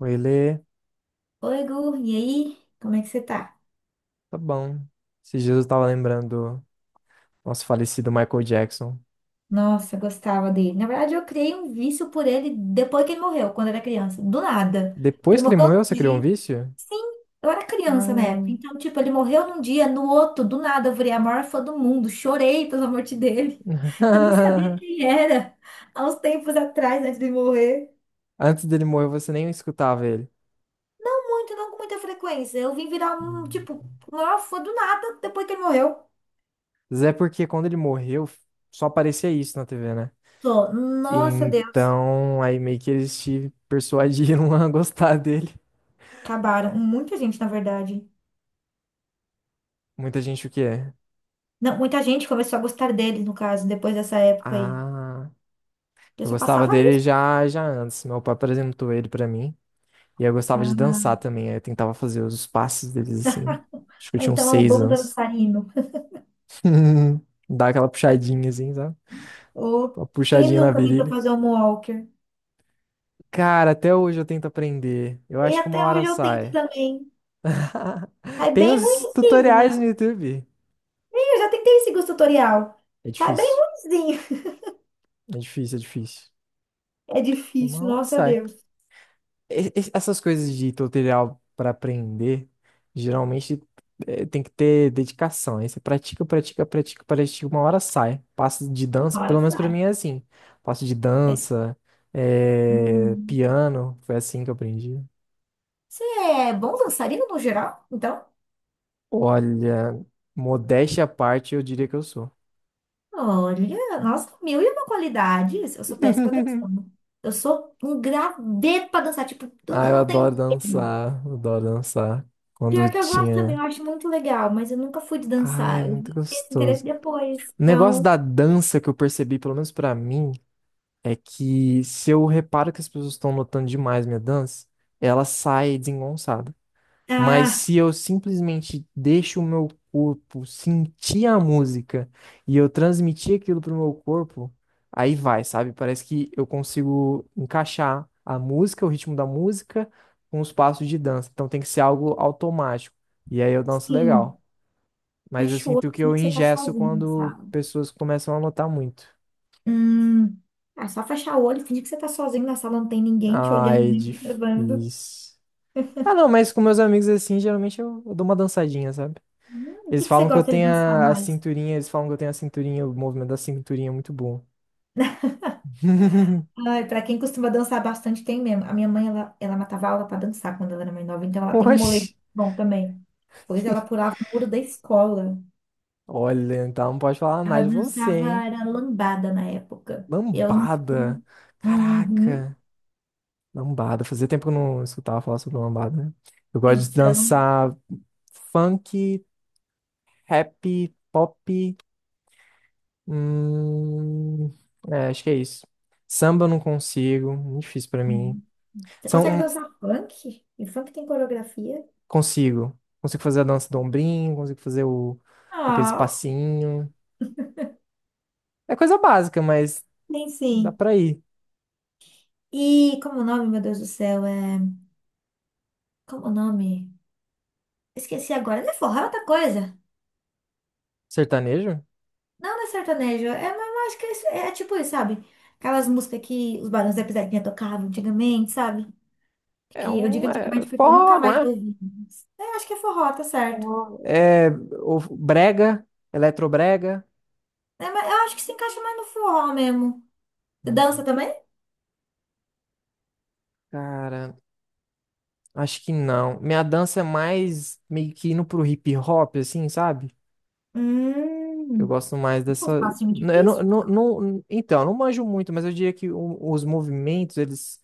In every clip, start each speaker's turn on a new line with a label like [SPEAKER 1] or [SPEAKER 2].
[SPEAKER 1] Oi, Lê.
[SPEAKER 2] Oi, Gu, e aí? Como é que você tá?
[SPEAKER 1] Tá bom. Esses dias eu tava lembrando do nosso falecido Michael Jackson.
[SPEAKER 2] Nossa, gostava dele. Na verdade, eu criei um vício por ele depois que ele morreu, quando eu era criança. Do nada. Ele
[SPEAKER 1] Depois que ele
[SPEAKER 2] morreu
[SPEAKER 1] morreu, você
[SPEAKER 2] num
[SPEAKER 1] criou um
[SPEAKER 2] dia.
[SPEAKER 1] vício?
[SPEAKER 2] Sim, eu era criança na época.
[SPEAKER 1] Ué.
[SPEAKER 2] Então, tipo, ele morreu num dia, no outro, do nada, eu virei a maior fã do mundo. Chorei pela morte dele. Eu nem sabia quem era. Há uns tempos atrás, antes de morrer.
[SPEAKER 1] Antes dele morrer, você nem escutava ele.
[SPEAKER 2] Não muito, não com muita frequência. Eu vim virar um,
[SPEAKER 1] Hum.
[SPEAKER 2] tipo, maior fã do nada depois que ele morreu.
[SPEAKER 1] Mas é porque quando ele morreu, só aparecia isso na TV, né?
[SPEAKER 2] Tô, nossa, Deus.
[SPEAKER 1] Então, aí meio que eles te persuadiram a gostar dele.
[SPEAKER 2] Acabaram. Muita gente, na verdade.
[SPEAKER 1] Muita gente o quê?
[SPEAKER 2] Não, muita gente começou a gostar deles, no caso, depois dessa época aí.
[SPEAKER 1] Ah,
[SPEAKER 2] Eu
[SPEAKER 1] eu
[SPEAKER 2] só
[SPEAKER 1] gostava
[SPEAKER 2] passava
[SPEAKER 1] dele
[SPEAKER 2] isso.
[SPEAKER 1] já antes. Meu pai apresentou ele pra mim. E eu gostava de
[SPEAKER 2] Ah,
[SPEAKER 1] dançar também. Aí Eu tentava fazer os passos deles assim. Acho que eu tinha uns
[SPEAKER 2] então é um
[SPEAKER 1] seis
[SPEAKER 2] bom
[SPEAKER 1] anos.
[SPEAKER 2] dançarino.
[SPEAKER 1] Dar aquela puxadinha assim, sabe?
[SPEAKER 2] Ou
[SPEAKER 1] Uma
[SPEAKER 2] quem
[SPEAKER 1] puxadinha na
[SPEAKER 2] nunca tentou
[SPEAKER 1] virilha.
[SPEAKER 2] fazer um walker?
[SPEAKER 1] Cara, até hoje eu tento aprender. Eu
[SPEAKER 2] E
[SPEAKER 1] acho que uma
[SPEAKER 2] até
[SPEAKER 1] hora
[SPEAKER 2] hoje eu tento
[SPEAKER 1] sai.
[SPEAKER 2] também. Sai
[SPEAKER 1] Tem
[SPEAKER 2] bem
[SPEAKER 1] uns
[SPEAKER 2] ruinzinho, mas
[SPEAKER 1] tutoriais no YouTube.
[SPEAKER 2] eu já tentei esse gosto tutorial.
[SPEAKER 1] É
[SPEAKER 2] Sai bem
[SPEAKER 1] difícil.
[SPEAKER 2] ruinzinho.
[SPEAKER 1] É difícil.
[SPEAKER 2] É difícil,
[SPEAKER 1] Uma hora
[SPEAKER 2] nossa
[SPEAKER 1] sai.
[SPEAKER 2] Deus.
[SPEAKER 1] Essas coisas de tutorial para aprender, geralmente tem que ter dedicação. Aí você pratica, uma hora sai. Passo de dança,
[SPEAKER 2] Olha,
[SPEAKER 1] pelo menos para
[SPEAKER 2] sai.
[SPEAKER 1] mim é assim. Passo de
[SPEAKER 2] É.
[SPEAKER 1] dança,
[SPEAKER 2] Hum.
[SPEAKER 1] piano, foi assim que eu aprendi.
[SPEAKER 2] Você é bom dançarino no geral, então?
[SPEAKER 1] Olha, modéstia à parte, eu diria que eu sou.
[SPEAKER 2] Olha, nossa, mil e uma qualidades. Eu sou péssima dançando. Eu sou um graveto pra dançar. Tipo, eu
[SPEAKER 1] Ah, eu
[SPEAKER 2] não tenho
[SPEAKER 1] adoro
[SPEAKER 2] medo.
[SPEAKER 1] dançar, eu adoro dançar. Quando eu
[SPEAKER 2] Pior que eu gosto também, eu
[SPEAKER 1] tinha.
[SPEAKER 2] acho muito legal, mas eu nunca fui de
[SPEAKER 1] Ah, é
[SPEAKER 2] dançar. Eu
[SPEAKER 1] muito
[SPEAKER 2] vi esse interesse
[SPEAKER 1] gostoso.
[SPEAKER 2] depois.
[SPEAKER 1] O negócio
[SPEAKER 2] Então,
[SPEAKER 1] da dança que eu percebi, pelo menos pra mim. É que se eu reparo que as pessoas estão notando demais minha dança, ela sai desengonçada. Mas
[SPEAKER 2] ah,
[SPEAKER 1] se eu simplesmente deixo o meu corpo sentir a música e eu transmitir aquilo pro meu corpo, aí vai, sabe? Parece que eu consigo encaixar a música, o ritmo da música, com os passos de dança. Então tem que ser algo automático. E aí eu danço
[SPEAKER 2] sim.
[SPEAKER 1] legal. Mas eu
[SPEAKER 2] Fecha o
[SPEAKER 1] sinto
[SPEAKER 2] olho,
[SPEAKER 1] que
[SPEAKER 2] finge
[SPEAKER 1] eu
[SPEAKER 2] que você tá
[SPEAKER 1] engesso
[SPEAKER 2] sozinho na
[SPEAKER 1] quando
[SPEAKER 2] sala.
[SPEAKER 1] pessoas começam a notar muito.
[SPEAKER 2] Hum. Ah, só fechar o olho, finge que você tá sozinho na sala, não tem ninguém te olhando,
[SPEAKER 1] Ai,
[SPEAKER 2] nem te observando.
[SPEAKER 1] difícil. Ah, não, mas com meus amigos assim, geralmente eu dou uma dançadinha, sabe?
[SPEAKER 2] O que
[SPEAKER 1] Eles
[SPEAKER 2] que você
[SPEAKER 1] falam que eu
[SPEAKER 2] gosta de
[SPEAKER 1] tenho
[SPEAKER 2] dançar
[SPEAKER 1] a
[SPEAKER 2] mais?
[SPEAKER 1] cinturinha, eles falam que eu tenho a cinturinha, o movimento da cinturinha é muito bom.
[SPEAKER 2] Ai, pra quem costuma dançar bastante, tem mesmo. A minha mãe, ela matava aula pra dançar quando ela era mais nova, então ela tem um molejo
[SPEAKER 1] Oxi.
[SPEAKER 2] bom também. Pois ela pulava o muro da escola.
[SPEAKER 1] Olha, então não pode falar mais
[SPEAKER 2] Ela
[SPEAKER 1] de você,
[SPEAKER 2] dançava,
[SPEAKER 1] hein?
[SPEAKER 2] era lambada na época. Eu não.
[SPEAKER 1] Lambada.
[SPEAKER 2] Uhum.
[SPEAKER 1] Caraca. Lambada. Fazia tempo que eu não escutava falar sobre lambada, né? Eu gosto de
[SPEAKER 2] Então.
[SPEAKER 1] dançar funk, rap, pop. Hum, é, acho que é isso. Samba eu não consigo, muito difícil pra mim.
[SPEAKER 2] Hum. Você consegue
[SPEAKER 1] São
[SPEAKER 2] dançar funk? E funk tem coreografia?
[SPEAKER 1] Consigo. Consigo fazer a dança do ombrinho, consigo fazer o... aqueles
[SPEAKER 2] Ah,
[SPEAKER 1] passinhos. É coisa básica, mas
[SPEAKER 2] tem
[SPEAKER 1] dá
[SPEAKER 2] sim.
[SPEAKER 1] pra ir.
[SPEAKER 2] E como o nome, meu Deus do céu, é. Como o nome? Esqueci agora. Não é forró, é outra coisa.
[SPEAKER 1] Sertanejo?
[SPEAKER 2] Não, não é sertanejo. É, mas eu acho que é, é tipo isso, sabe? Aquelas músicas que os Barões da Pisadinha tocavam antigamente, sabe?
[SPEAKER 1] É
[SPEAKER 2] Que eu digo
[SPEAKER 1] um... É
[SPEAKER 2] antigamente porque eu nunca
[SPEAKER 1] forró, não
[SPEAKER 2] mais
[SPEAKER 1] é?
[SPEAKER 2] ouvi. Mas é, eu acho que é forró, tá certo.
[SPEAKER 1] É o brega, eletrobrega.
[SPEAKER 2] É, mas eu acho que se encaixa mais no forró mesmo. Você
[SPEAKER 1] Hum.
[SPEAKER 2] dança também?
[SPEAKER 1] Cara, acho que não. Minha dança é mais meio que indo pro hip hop, assim, sabe? Eu
[SPEAKER 2] Hum,
[SPEAKER 1] gosto mais
[SPEAKER 2] um
[SPEAKER 1] dessa...
[SPEAKER 2] passinho
[SPEAKER 1] Eu
[SPEAKER 2] difícil, então.
[SPEAKER 1] Então, eu não manjo muito, mas eu diria que os movimentos, eles...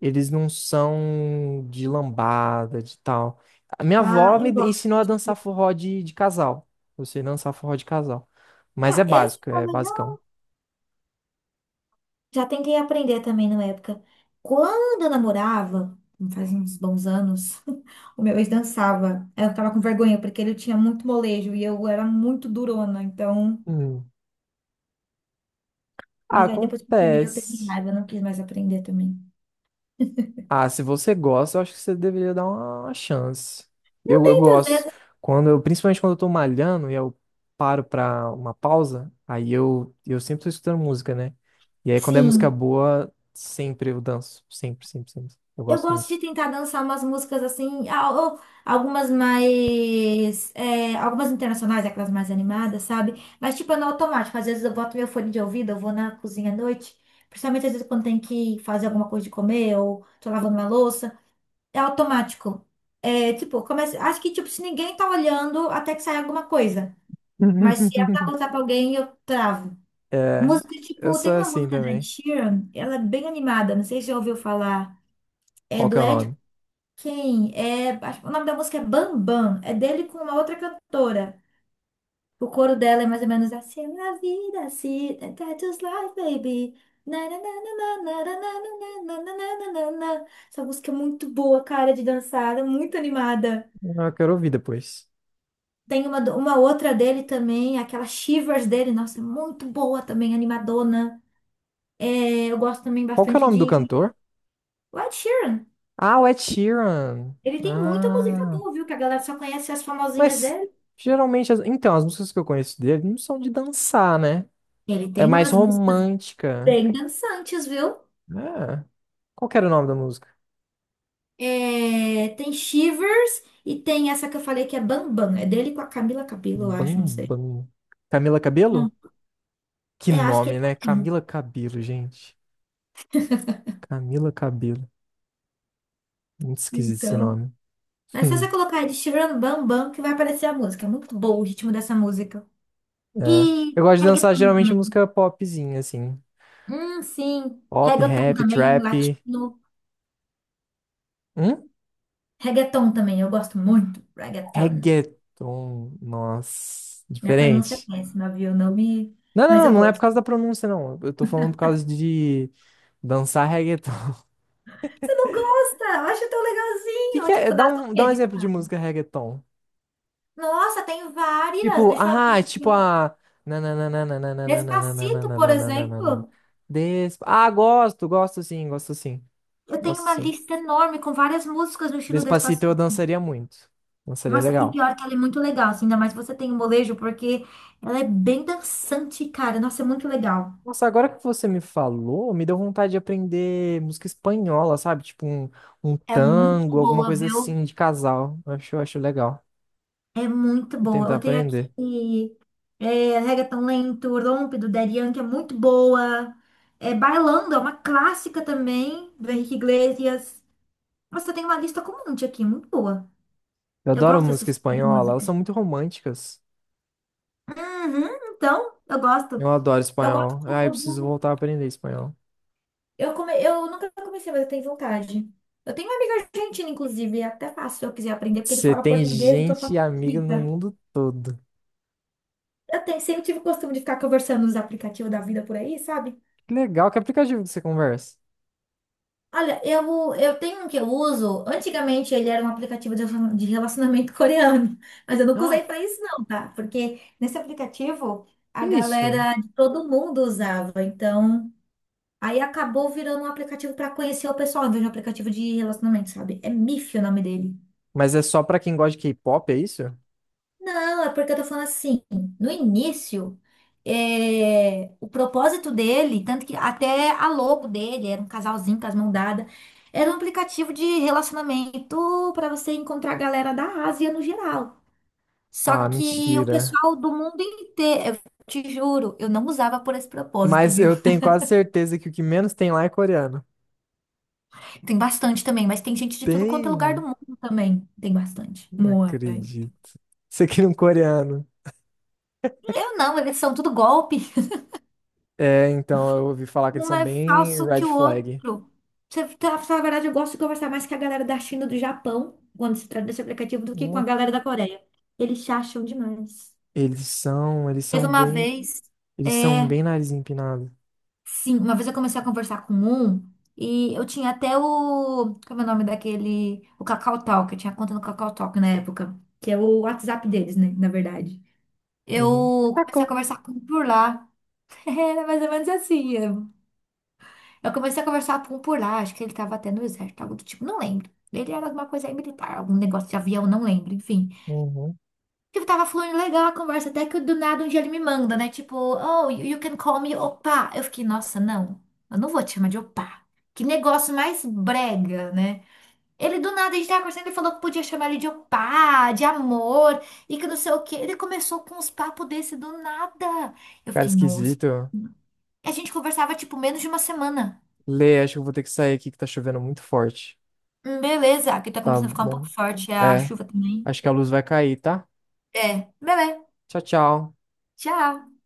[SPEAKER 1] Eles não são de lambada, de tal. A minha
[SPEAKER 2] Ah,
[SPEAKER 1] avó me
[SPEAKER 2] eu gosto.
[SPEAKER 1] ensinou a dançar forró de casal. Eu sei dançar forró de casal. Mas é
[SPEAKER 2] Ah, esse
[SPEAKER 1] básico, é basicão.
[SPEAKER 2] já tentei aprender também na época. Quando eu namorava, faz uns bons anos, o meu ex dançava. Eu ficava com vergonha, porque ele tinha muito molejo e eu era muito durona, então.
[SPEAKER 1] Hum. Ah,
[SPEAKER 2] Mas aí depois que eu terminei, eu peguei
[SPEAKER 1] acontece.
[SPEAKER 2] raiva, eu não quis mais aprender também.
[SPEAKER 1] Ah, se você gosta, eu acho que você deveria dar uma chance. Eu
[SPEAKER 2] Muitas
[SPEAKER 1] gosto.
[SPEAKER 2] vezes,
[SPEAKER 1] Quando eu, principalmente quando eu tô malhando e eu paro pra uma pausa, aí eu sempre tô escutando música, né? E aí quando é música
[SPEAKER 2] sim.
[SPEAKER 1] boa, sempre eu danço. Sempre. Eu
[SPEAKER 2] Eu
[SPEAKER 1] gosto
[SPEAKER 2] gosto
[SPEAKER 1] muito.
[SPEAKER 2] de tentar dançar umas músicas assim, ou algumas mais. É, algumas internacionais, aquelas mais animadas, sabe? Mas, tipo, é no automático. Às vezes eu boto meu fone de ouvido, eu vou na cozinha à noite. Principalmente às vezes quando tem que fazer alguma coisa de comer ou tô lavando uma louça. É automático. É, tipo, começa, acho que, tipo, se ninguém tá olhando, até que sai alguma coisa. Mas se é pra contar pra alguém, eu travo.
[SPEAKER 1] É,
[SPEAKER 2] Música,
[SPEAKER 1] eu
[SPEAKER 2] tipo, tem
[SPEAKER 1] sou
[SPEAKER 2] uma
[SPEAKER 1] assim
[SPEAKER 2] música da Ed
[SPEAKER 1] também.
[SPEAKER 2] Sheeran, ela é bem animada, não sei se você já ouviu falar. É
[SPEAKER 1] Qual que
[SPEAKER 2] do
[SPEAKER 1] é o
[SPEAKER 2] Ed
[SPEAKER 1] nome?
[SPEAKER 2] quem? É, acho que o nome da música é Bambam. É dele com uma outra cantora. O coro dela é mais ou menos assim. Na vida, se that's just life, baby. Na, na, na, na, na, na, na, na, na, na, na, na, na, na. Essa música é muito boa, cara, de dançar, é muito animada.
[SPEAKER 1] Ah, eu quero ouvir depois.
[SPEAKER 2] Tem uma, uma outra dele também, aquela Shivers dele, nossa, é muito boa também, animadona. É, eu gosto também
[SPEAKER 1] Qual que é o
[SPEAKER 2] bastante
[SPEAKER 1] nome do
[SPEAKER 2] de
[SPEAKER 1] cantor?
[SPEAKER 2] Ed Sheeran.
[SPEAKER 1] Ah, o Ed Sheeran.
[SPEAKER 2] Ele tem muita música
[SPEAKER 1] Ah,
[SPEAKER 2] boa, viu? Que a galera só conhece as famosinhas
[SPEAKER 1] mas
[SPEAKER 2] dele.
[SPEAKER 1] geralmente, então, as músicas que eu conheço dele não são de dançar, né?
[SPEAKER 2] Ele
[SPEAKER 1] É
[SPEAKER 2] tem
[SPEAKER 1] mais
[SPEAKER 2] umas músicas.
[SPEAKER 1] romântica.
[SPEAKER 2] Bem dançantes, viu?
[SPEAKER 1] É. Qual que era o nome da música?
[SPEAKER 2] É, tem Shivers e tem essa que eu falei que é Bambam. É dele com a Camila Cabello, eu acho, não sei.
[SPEAKER 1] Bambam. Camila Cabello?
[SPEAKER 2] Hum.
[SPEAKER 1] Que
[SPEAKER 2] É, acho que é
[SPEAKER 1] nome,
[SPEAKER 2] o
[SPEAKER 1] né?
[SPEAKER 2] mesmo.
[SPEAKER 1] Camila Cabello, gente. Camila Cabello. Muito esquisito esse
[SPEAKER 2] Então.
[SPEAKER 1] nome.
[SPEAKER 2] Mas se você colocar aí de Shivers no Bambam, que vai aparecer a música. É muito bom o ritmo dessa música.
[SPEAKER 1] É. Eu
[SPEAKER 2] E
[SPEAKER 1] gosto de dançar
[SPEAKER 2] reggaeton
[SPEAKER 1] geralmente
[SPEAKER 2] também.
[SPEAKER 1] música popzinha, assim.
[SPEAKER 2] Sim.
[SPEAKER 1] Pop,
[SPEAKER 2] Reggaeton
[SPEAKER 1] rap,
[SPEAKER 2] também,
[SPEAKER 1] trap.
[SPEAKER 2] latino.
[SPEAKER 1] Hum?
[SPEAKER 2] Reggaeton também, eu gosto muito. Reggaeton.
[SPEAKER 1] Reggaeton. Nossa,
[SPEAKER 2] Minha pronúncia é
[SPEAKER 1] diferente.
[SPEAKER 2] péssima, viu? Não me... Mas eu
[SPEAKER 1] Não é por
[SPEAKER 2] gosto.
[SPEAKER 1] causa da pronúncia, não. Eu tô falando por causa de dançar reggaeton. O
[SPEAKER 2] Você não gosta? Eu acho tão
[SPEAKER 1] que que
[SPEAKER 2] legalzinho.
[SPEAKER 1] é?
[SPEAKER 2] Tipo,
[SPEAKER 1] Dá
[SPEAKER 2] nada a
[SPEAKER 1] dá um
[SPEAKER 2] ver.
[SPEAKER 1] exemplo de música reggaeton.
[SPEAKER 2] Nossa, tem várias.
[SPEAKER 1] Tipo,
[SPEAKER 2] Deixa eu abrir
[SPEAKER 1] ah,
[SPEAKER 2] aqui.
[SPEAKER 1] tipo
[SPEAKER 2] Um.
[SPEAKER 1] a.
[SPEAKER 2] Despacito, por exemplo.
[SPEAKER 1] Despa... Ah, gosto, gosto sim, gosto sim,
[SPEAKER 2] Eu tenho
[SPEAKER 1] gosto
[SPEAKER 2] uma
[SPEAKER 1] sim.
[SPEAKER 2] lista enorme com várias músicas no estilo
[SPEAKER 1] Despacito
[SPEAKER 2] Despacito.
[SPEAKER 1] eu dançaria muito. Dançaria
[SPEAKER 2] Nossa, e
[SPEAKER 1] legal.
[SPEAKER 2] pior que ela é muito legal, assim, ainda mais você tem o molejo, porque ela é bem dançante, cara. Nossa, é muito legal.
[SPEAKER 1] Nossa, agora que você me falou, me deu vontade de aprender música espanhola, sabe? Tipo um, um
[SPEAKER 2] É muito
[SPEAKER 1] tango, alguma
[SPEAKER 2] boa,
[SPEAKER 1] coisa
[SPEAKER 2] viu?
[SPEAKER 1] assim de casal. Eu acho legal.
[SPEAKER 2] É muito
[SPEAKER 1] Vou
[SPEAKER 2] boa.
[SPEAKER 1] tentar
[SPEAKER 2] Eu tenho
[SPEAKER 1] aprender.
[SPEAKER 2] aqui é, Reggaeton Lento, Rompe, do Daddy Yankee, é muito boa. É, Bailando, é uma clássica também, do Henrique Iglesias. Nossa, tem uma lista com um monte aqui, muito boa.
[SPEAKER 1] Eu
[SPEAKER 2] Eu
[SPEAKER 1] adoro
[SPEAKER 2] gosto desse
[SPEAKER 1] música
[SPEAKER 2] tipo de
[SPEAKER 1] espanhola, elas
[SPEAKER 2] música.
[SPEAKER 1] são muito românticas.
[SPEAKER 2] Uhum, então, eu
[SPEAKER 1] Eu
[SPEAKER 2] gosto.
[SPEAKER 1] adoro
[SPEAKER 2] Eu gosto
[SPEAKER 1] espanhol. Ah, eu preciso
[SPEAKER 2] do...
[SPEAKER 1] voltar a aprender espanhol.
[SPEAKER 2] Eu nunca comecei, mas eu tenho vontade. Eu tenho uma amiga argentina, inclusive, e é até fácil se eu quiser aprender, porque ele
[SPEAKER 1] Você
[SPEAKER 2] fala
[SPEAKER 1] tem
[SPEAKER 2] português, então
[SPEAKER 1] gente e amiga no
[SPEAKER 2] facilita.
[SPEAKER 1] mundo todo.
[SPEAKER 2] Eu tenho, sempre tive o costume de ficar conversando nos aplicativos da vida por aí, sabe?
[SPEAKER 1] Que legal, que aplicativo que você conversa?
[SPEAKER 2] Olha, eu tenho um que eu uso. Antigamente ele era um aplicativo de relacionamento coreano, mas eu nunca usei
[SPEAKER 1] Ah,
[SPEAKER 2] pra isso, não, tá? Porque nesse aplicativo
[SPEAKER 1] que
[SPEAKER 2] a
[SPEAKER 1] isso?
[SPEAKER 2] galera de todo mundo usava, então. Aí acabou virando um aplicativo pra conhecer o pessoal, em vez de um aplicativo de relacionamento, sabe? É Miffy o nome dele.
[SPEAKER 1] Mas é só pra quem gosta de K-pop, é isso?
[SPEAKER 2] Não, é porque eu tô falando assim, no início, é, o propósito dele, tanto que até a logo dele era um casalzinho com as mãos dadas, era um aplicativo de relacionamento pra você encontrar a galera da Ásia no geral. Só
[SPEAKER 1] Ah,
[SPEAKER 2] que o
[SPEAKER 1] mentira.
[SPEAKER 2] pessoal do mundo inteiro, eu te juro, eu não usava por esse propósito,
[SPEAKER 1] Mas
[SPEAKER 2] viu?
[SPEAKER 1] eu tenho quase certeza que o que menos tem lá é coreano.
[SPEAKER 2] Tem bastante também, mas tem gente de tudo quanto é lugar do
[SPEAKER 1] Tem?
[SPEAKER 2] mundo também. Tem bastante.
[SPEAKER 1] Não
[SPEAKER 2] Moai.
[SPEAKER 1] acredito. Isso aqui é um coreano.
[SPEAKER 2] Eu não, eles são tudo golpe.
[SPEAKER 1] É, então, eu ouvi falar que eles
[SPEAKER 2] Um
[SPEAKER 1] são
[SPEAKER 2] é
[SPEAKER 1] bem
[SPEAKER 2] falso que
[SPEAKER 1] red
[SPEAKER 2] o
[SPEAKER 1] flag.
[SPEAKER 2] outro. Pra falar a verdade, eu gosto de conversar mais com a galera da China e do Japão, quando se trata desse aplicativo, do que com a
[SPEAKER 1] Né?
[SPEAKER 2] galera da Coreia. Eles se acham demais.
[SPEAKER 1] Eles são, eles
[SPEAKER 2] Teve
[SPEAKER 1] são
[SPEAKER 2] uma
[SPEAKER 1] bem,
[SPEAKER 2] vez,
[SPEAKER 1] eles são
[SPEAKER 2] é,
[SPEAKER 1] bem nariz empinado.
[SPEAKER 2] sim, uma vez eu comecei a conversar com um e eu tinha até o, como é o nome daquele, o Kakao Talk, eu tinha conta no Kakao Talk na época, que é o WhatsApp deles, né, na verdade.
[SPEAKER 1] Uhum.
[SPEAKER 2] Eu comecei a
[SPEAKER 1] Cacô.
[SPEAKER 2] conversar com um por lá. Era mais ou menos assim. Eu comecei a conversar com um por lá. Acho que ele tava até no exército, algo do tipo, não lembro. Ele era alguma coisa aí militar, algum negócio de avião, não lembro, enfim.
[SPEAKER 1] Uhum.
[SPEAKER 2] Eu tava fluindo legal a conversa, até que do nada um dia ele me manda, né? Tipo, oh, you can call me opa. Eu fiquei, nossa, não, eu não vou te chamar de opa. Que negócio mais brega, né? Ele do nada, a gente tava conversando, ele falou que podia chamar ele de opá, de amor, e que não sei o quê. Ele começou com uns papos desse do nada. Eu
[SPEAKER 1] Cara
[SPEAKER 2] fiquei, nossa.
[SPEAKER 1] esquisito.
[SPEAKER 2] A gente conversava, tipo, menos de uma semana.
[SPEAKER 1] Lê, acho que eu vou ter que sair aqui que tá chovendo muito forte.
[SPEAKER 2] Beleza, aqui tá
[SPEAKER 1] Tá
[SPEAKER 2] começando a ficar um pouco
[SPEAKER 1] bom.
[SPEAKER 2] forte a
[SPEAKER 1] É,
[SPEAKER 2] chuva também.
[SPEAKER 1] acho que a luz vai cair, tá?
[SPEAKER 2] É, beleza.
[SPEAKER 1] Tchau, tchau.
[SPEAKER 2] Tchau.